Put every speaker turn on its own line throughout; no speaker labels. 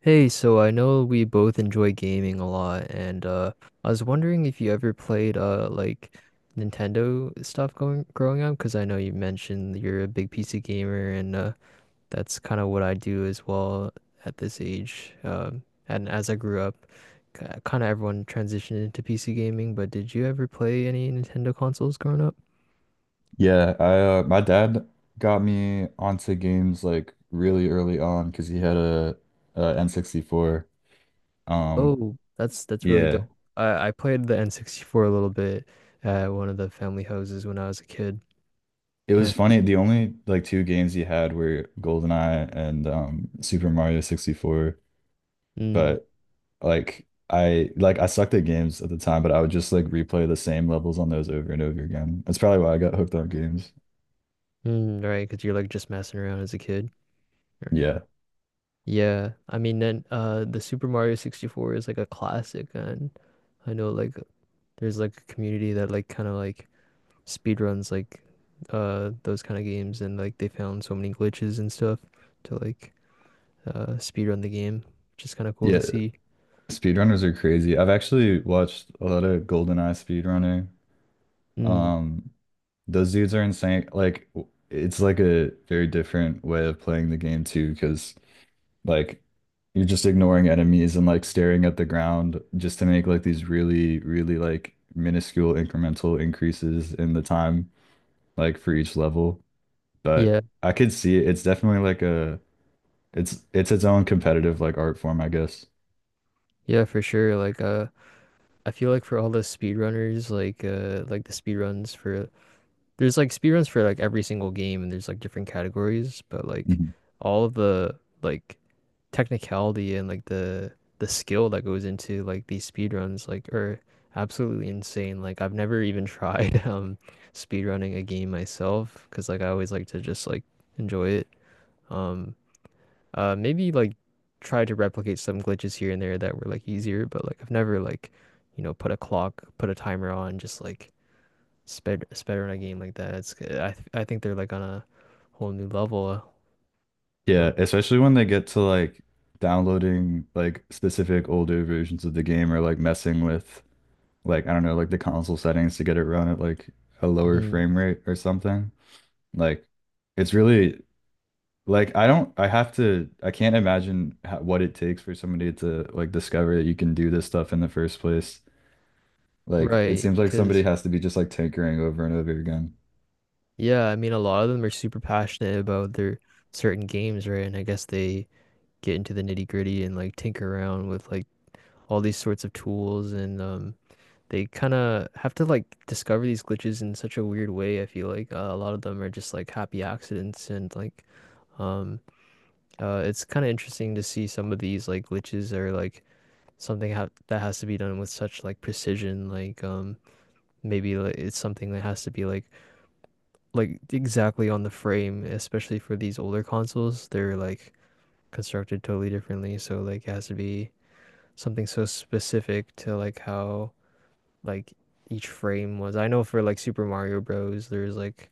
Hey, so I know we both enjoy gaming a lot, and I was wondering if you ever played like Nintendo stuff going growing up, because I know you mentioned you're a big PC gamer, and that's kind of what I do as well at this age. And as I grew up, kind of everyone transitioned into PC gaming. But did you ever play any Nintendo consoles growing up?
Yeah, I my dad got me onto games like really early on because he had a N64. Um,
Oh, that's really dope.
yeah,
I played the N64 a little bit at one of the family houses when I was a kid.
it was
And
funny. The only like two games he had were GoldenEye and Super Mario 64.
Mm.
But I sucked at games at the time, but I would just like replay the same levels on those over and over again. That's probably why I got hooked on games.
Mm, right, because you're like just messing around as a kid. Or-
Yeah.
Yeah, I mean, then the Super Mario 64 is like a classic, and I know like there's like a community that like kind of like speed runs like those kind of games, and like they found so many glitches and stuff to like speed run the game, which is kind of cool to
Yeah,
see.
speedrunners are crazy. I've actually watched a lot of GoldenEye speedrunner.
Mm.
Um, Those dudes are insane. Like it's like a very different way of playing the game too, because like you're just ignoring enemies and like staring at the ground just to make like these really, really like minuscule incremental increases in the time like for each level. But
Yeah,
I could see it. It's definitely like a it's its own competitive like art form, I guess.
yeah, for sure. Like I feel like for all the speed runners, like the speed runs for there's like speedruns for like every single game and there's like different categories, but like
Mhm.
all of the like technicality and like the skill that goes into like these speedruns like are absolutely insane. Like I've never even tried speedrunning a game myself because like I always like to just like enjoy it. Um Maybe like try to replicate some glitches here and there that were like easier, but like I've never like you know put a clock, put a timer on, just like it's better, in a game like that. It's I think they're like on a whole new level.
Yeah,
Um,
especially when they get to like downloading like specific older versions of the game or like messing with like I don't know, like the console settings to get it run at like a lower
mhm.
frame rate or something. Like it's really like I have to I can't imagine how, what it takes for somebody to like discover that you can do this stuff in the first place. Like it
Right,
seems like somebody
because
has to be just like tinkering over and over again.
yeah, I mean a lot of them are super passionate about their certain games, right? And I guess they get into the nitty gritty and like tinker around with like all these sorts of tools, and they kind of have to like discover these glitches in such a weird way. I feel like a lot of them are just like happy accidents and like. Um, it's kind of interesting to see some of these like glitches are like something ha that has to be done with such like precision like maybe like, it's something that has to be like exactly on the frame, especially for these older consoles. They're like constructed totally differently, so like it has to be something so specific to like how like each frame was. I know for like Super Mario Bros there's like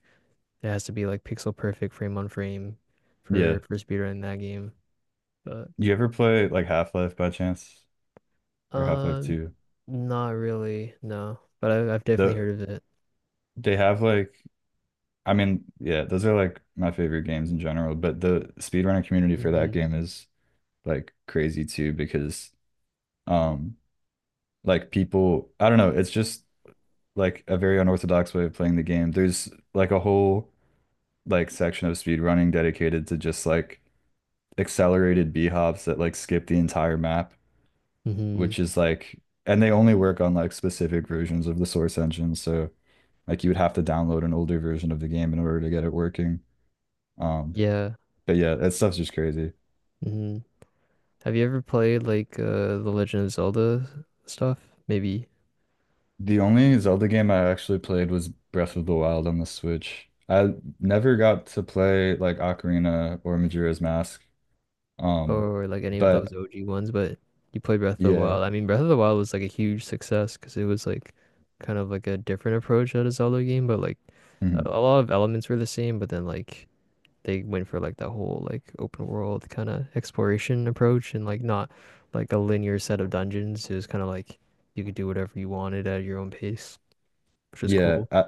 it has to be like pixel perfect frame on frame
Yeah.
for speedrun in that game but
You ever play like Half-Life by chance or Half-Life
um
2?
not really no, but I've definitely
The
heard of it.
they have like I mean, yeah, those are like my favorite games in general, but the speedrunning community for that
Hmm.
game is like crazy too because Um, like people, I don't know, it's just like a very unorthodox way of playing the game. There's like a whole like section of speedrunning dedicated to just like accelerated B hops that like skip the entire map,
Hmm.
which is and they only work on like specific versions of the source engine, so like you would have to download an older version of the game in order to get it working. Um,
Yeah.
but yeah, that stuff's just crazy.
Hmm. Have you ever played like The Legend of Zelda stuff? Maybe.
The only Zelda game I actually played was Breath of the Wild on the Switch. I never got to play like Ocarina or Majora's Mask. Um,
Or like any of those
but
OG ones, but you played Breath of the
yeah,
Wild. I mean, Breath of the Wild was like a huge success because it was like kind of like a different approach at a Zelda game, but like a,
mhm.
a lot of elements were the same, but then like they went for like that whole like open world kind of exploration approach and like not like a linear set of dungeons. It was kind of like you could do whatever you wanted at your own pace, which is
Yeah,
cool.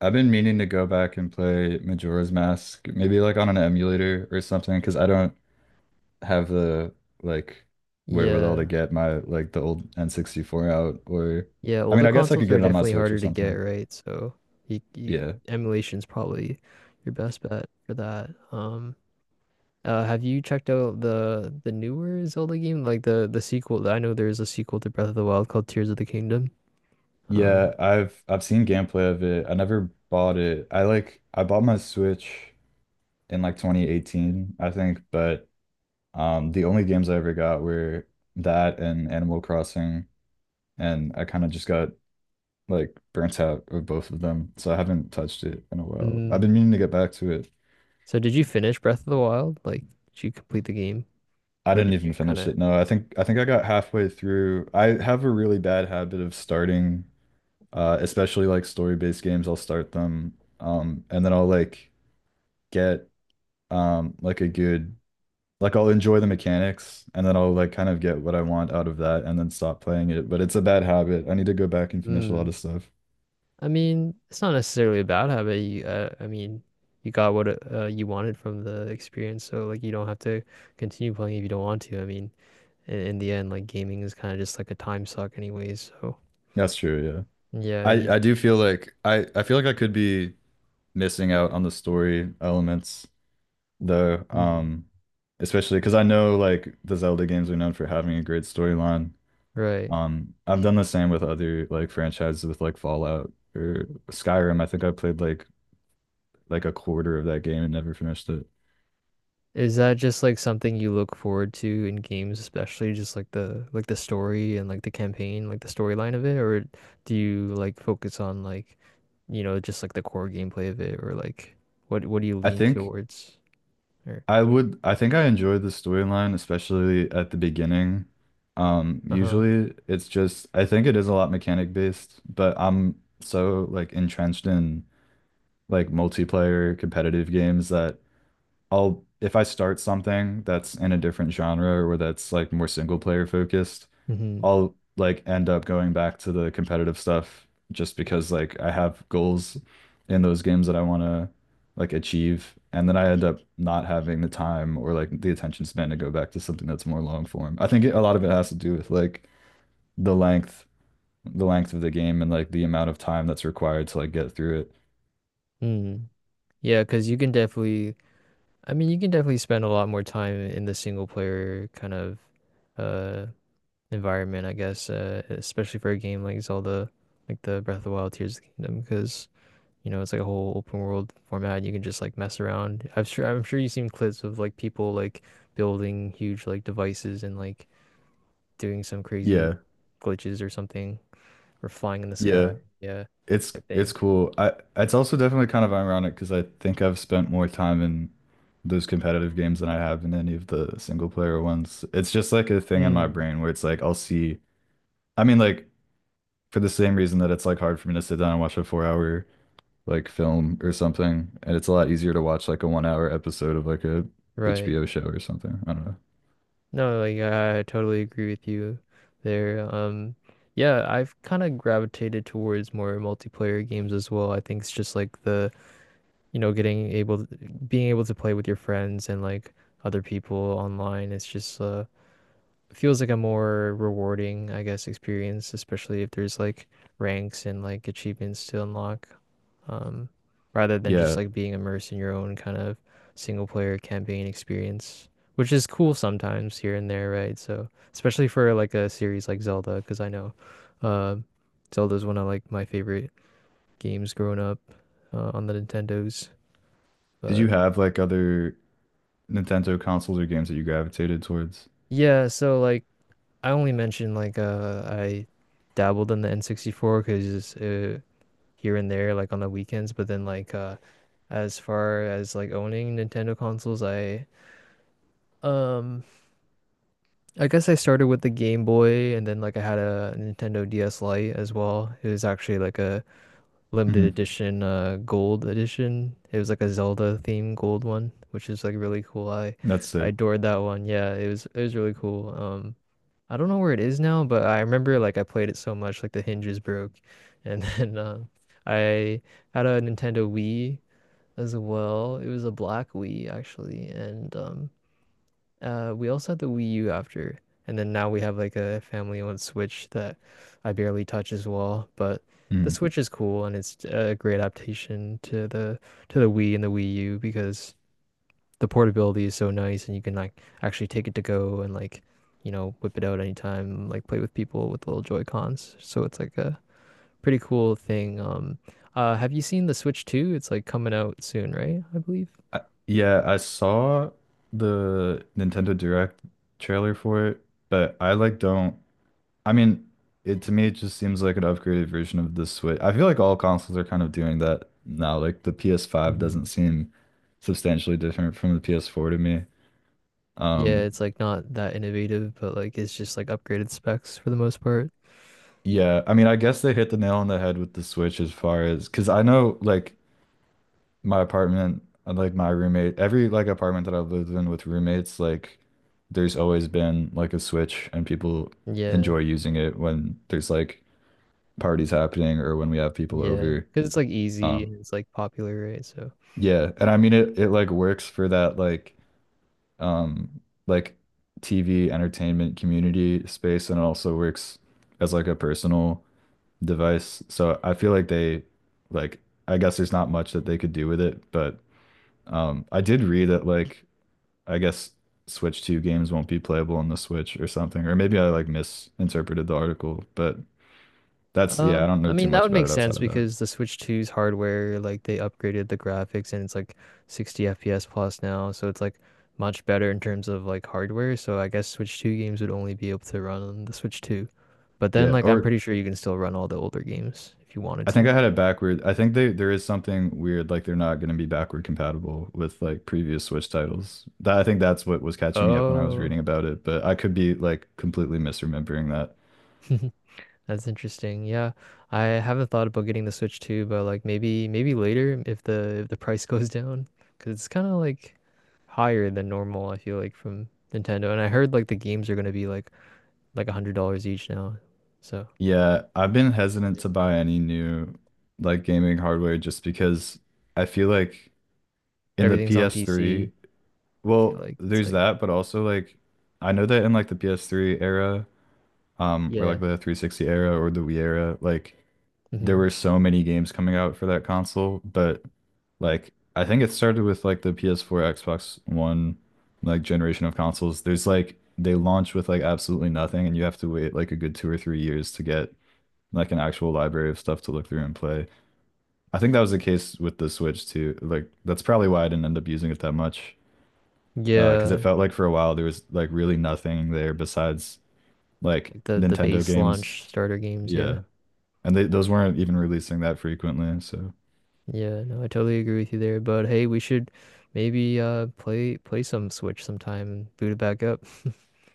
I've been meaning to go back and play Majora's Mask, maybe like on an emulator or something, because I don't have the like wherewithal to
Yeah.
get my like the old N64 out or
Yeah,
I mean,
older
I guess I could
consoles are
get it on my
definitely
Switch or
harder to get,
something.
right? So you, you,
Yeah.
emulation's probably your best bet for that. Have you checked out the newer Zelda game, like the sequel? I know there's a sequel to Breath of the Wild called Tears of the Kingdom. Um,
Yeah, I've seen gameplay of it. I never bought it. I bought my Switch in like 2018, I think, but the only games I ever got were that and Animal Crossing, and I kind of just got like burnt out of both of them. So I haven't touched it in a while. I've been
mm,
meaning to get back to it.
so did you finish Breath of the Wild? Like, did you complete the game,
I
or
didn't
did
even
you kind
finish
of?
it. No, I think I got halfway through. I have a really bad habit of starting especially like story-based games. I'll start them and then I'll like get like a good like I'll enjoy the mechanics and then I'll like kind of get what I want out of that and then stop playing it. But it's a bad habit. I need to go back and finish a
Mm,
lot of stuff.
I mean, it's not necessarily a bad habit. I mean, you got what you wanted from the experience, so like you don't have to continue playing if you don't want to. I mean, in the end, like gaming is kind of just like a time suck anyways. So
That's true, yeah.
yeah, you
I do feel like I feel like I could be missing out on the story elements though.
mm,
Especially because I know like the Zelda games are known for having a great storyline.
right.
I've done the same with other like franchises with like Fallout or Skyrim. I think I played like a quarter of that game and never finished it.
Is that just like something you look forward to in games, especially just like the story and like the campaign, like the storyline of it, or do you like focus on like, you know, just like the core gameplay of it, or like what do you
I
lean
think
towards? Or
I would, I think I enjoy the storyline, especially at the beginning.
uh-huh.
Usually it's just, I think it is a lot mechanic based, but I'm so like entrenched in like multiplayer competitive games that I'll if I start something that's in a different genre or that's like more single player focused,
Mm-hmm.
I'll like end up going back to the competitive stuff just because like I have goals in those games that I want to like achieve and then I end up not having the time or like the attention span to go back to something that's more long form. I think it, a lot of it has to do with like the length the length of the game and like the amount of time that's required to like get through it.
Mm. Yeah, 'cause you can definitely you can definitely spend a lot more time in the single player kind of uh environment, I guess, especially for a game like Zelda, like the Breath of the Wild, Tears of the Kingdom, because you know it's like a whole open world format. You can just like mess around. I'm sure you've seen clips of like people like building huge like devices and like doing some crazy
Yeah.
glitches or something, or flying in the sky,
Yeah.
yeah,
It's
type
it's
thing.
cool. I It's also definitely kind of ironic because I think I've spent more time in those competitive games than I have in any of the single player ones. It's just like a thing in my
Mm.
brain where it's like I'll see. I mean, like for the same reason that it's like hard for me to sit down and watch a 4 hour like film or something, and it's a lot easier to watch like a 1 hour episode of like a
Right.
HBO show or something. I don't know.
No, like I totally agree with you there. Yeah, I've kind of gravitated towards more multiplayer games as well. I think it's just like the you know, getting able being able to play with your friends and like other people online, it's just feels like a more rewarding, I guess, experience, especially if there's like ranks and like achievements to unlock, um, rather than just
Yeah.
like being immersed in your own kind of single player campaign experience, which is cool sometimes here and there, right? So especially for like a series like Zelda, because I know, uh, Zelda's one of like my favorite games growing up, on the Nintendos,
Did you
but.
have like other Nintendo consoles or games that you gravitated towards?
Yeah, so like I only mentioned like I dabbled in the N64 because here and there like on the weekends, but then like as far as like owning Nintendo consoles, um I guess I started with the Game Boy and then like I had a Nintendo DS Lite as well. It was actually like a limited
Hmm.
edition gold edition. It was like a Zelda themed gold one, which is like really cool. I
That's
I
sick.
adored that one. Yeah, it was really cool. I don't know where it is now, but I remember like I played it so much, like the hinges broke. And then I had a Nintendo Wii as well. It was a black Wii actually, and we also had the Wii U after. And then now we have like a family-owned Switch that I barely touch as well. But the
Mm-hmm.
Switch is cool, and it's a great adaptation to the Wii and the Wii U because the portability is so nice, and you can like actually take it to go and like you know whip it out anytime, like play with people with little Joy Cons. So it's like a pretty cool thing. Have you seen the Switch 2? It's like coming out soon, right? I believe.
I, yeah, I saw the Nintendo Direct trailer for it, but I like don't. I mean, it to me it just seems like an upgraded version of the Switch. I feel like all consoles are kind of doing that now. Like the PS5 doesn't
Mhm.
seem substantially different from the PS4 to me.
Yeah,
Um,
it's like not that innovative, but like it's just like upgraded specs for the most part.
yeah, I mean, I guess they hit the nail on the head with the Switch as far as because I know like my apartment, and, like my roommate, every like apartment that I've lived in with roommates, like there's always been like a switch and people
Yeah,
enjoy using it when there's like parties happening or when we have people
yeah,
over.
because it's like easy
Um
and it's like popular, right? So.
yeah, and I mean it like works for that um like TV entertainment community space and it also works as like a personal device. So I feel like they like I guess there's not much that they could do with it, but I did read that like I guess Switch 2 games won't be playable on the Switch or something. Or maybe I like misinterpreted the article, but that's
Uh,
yeah, I don't
I
know too
mean that
much
would
about
make
it outside
sense
of that.
because the Switch Two's hardware, like they upgraded the graphics and it's like 60 FPS plus now, so it's like much better in terms of like hardware. So I guess Switch 2 games would only be able to run on the Switch 2. But then
Yeah,
like I'm
or
pretty sure you can still run all the older games if you wanted
I
to.
think I had it backward. I think they There is something weird like they're not going to be backward compatible with like previous Switch titles. That I think that's what was catching me up when I was
Oh.
reading about it, but I could be like completely misremembering that.
That's interesting. Yeah, I haven't thought about getting the Switch too, but like maybe later if the price goes down, because it's kind of like higher than normal. I feel like from Nintendo, and I heard like the games are gonna be like $100 each now. So
Yeah, I've been hesitant
even
to buy any new like gaming hardware just because I feel like in
everything's on
the PS3
PC. I feel
Well,
like it's
there's
like
that, but also like I know that in like the PS3 era, or
yeah,
like the 360 era or the Wii era, like there
hmm
were so many games coming out for that console, but like I think it started with like the PS4, Xbox One like generation of consoles. There's like they launch with like absolutely nothing and you have to wait like a good 2 or 3 years to get like an actual library of stuff to look through and play. I think that was the case with the Switch too. Like that's probably why I didn't end up using it that much. 'Cause it
yeah,
felt like for a while there was like really nothing there besides like
like the
Nintendo
base
games.
launch starter games. Yeah,
Yeah. And they those weren't even releasing that frequently, so
yeah. No, I totally agree with you there. But hey, we should maybe play some Switch sometime and boot it back up.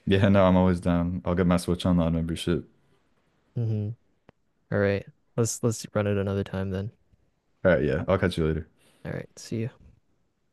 yeah, no, I'm always down. I'll get my Switch Online membership.
Hmm. All right. Let's run it another time then.
All right, yeah. I'll catch you later.
All right. See you.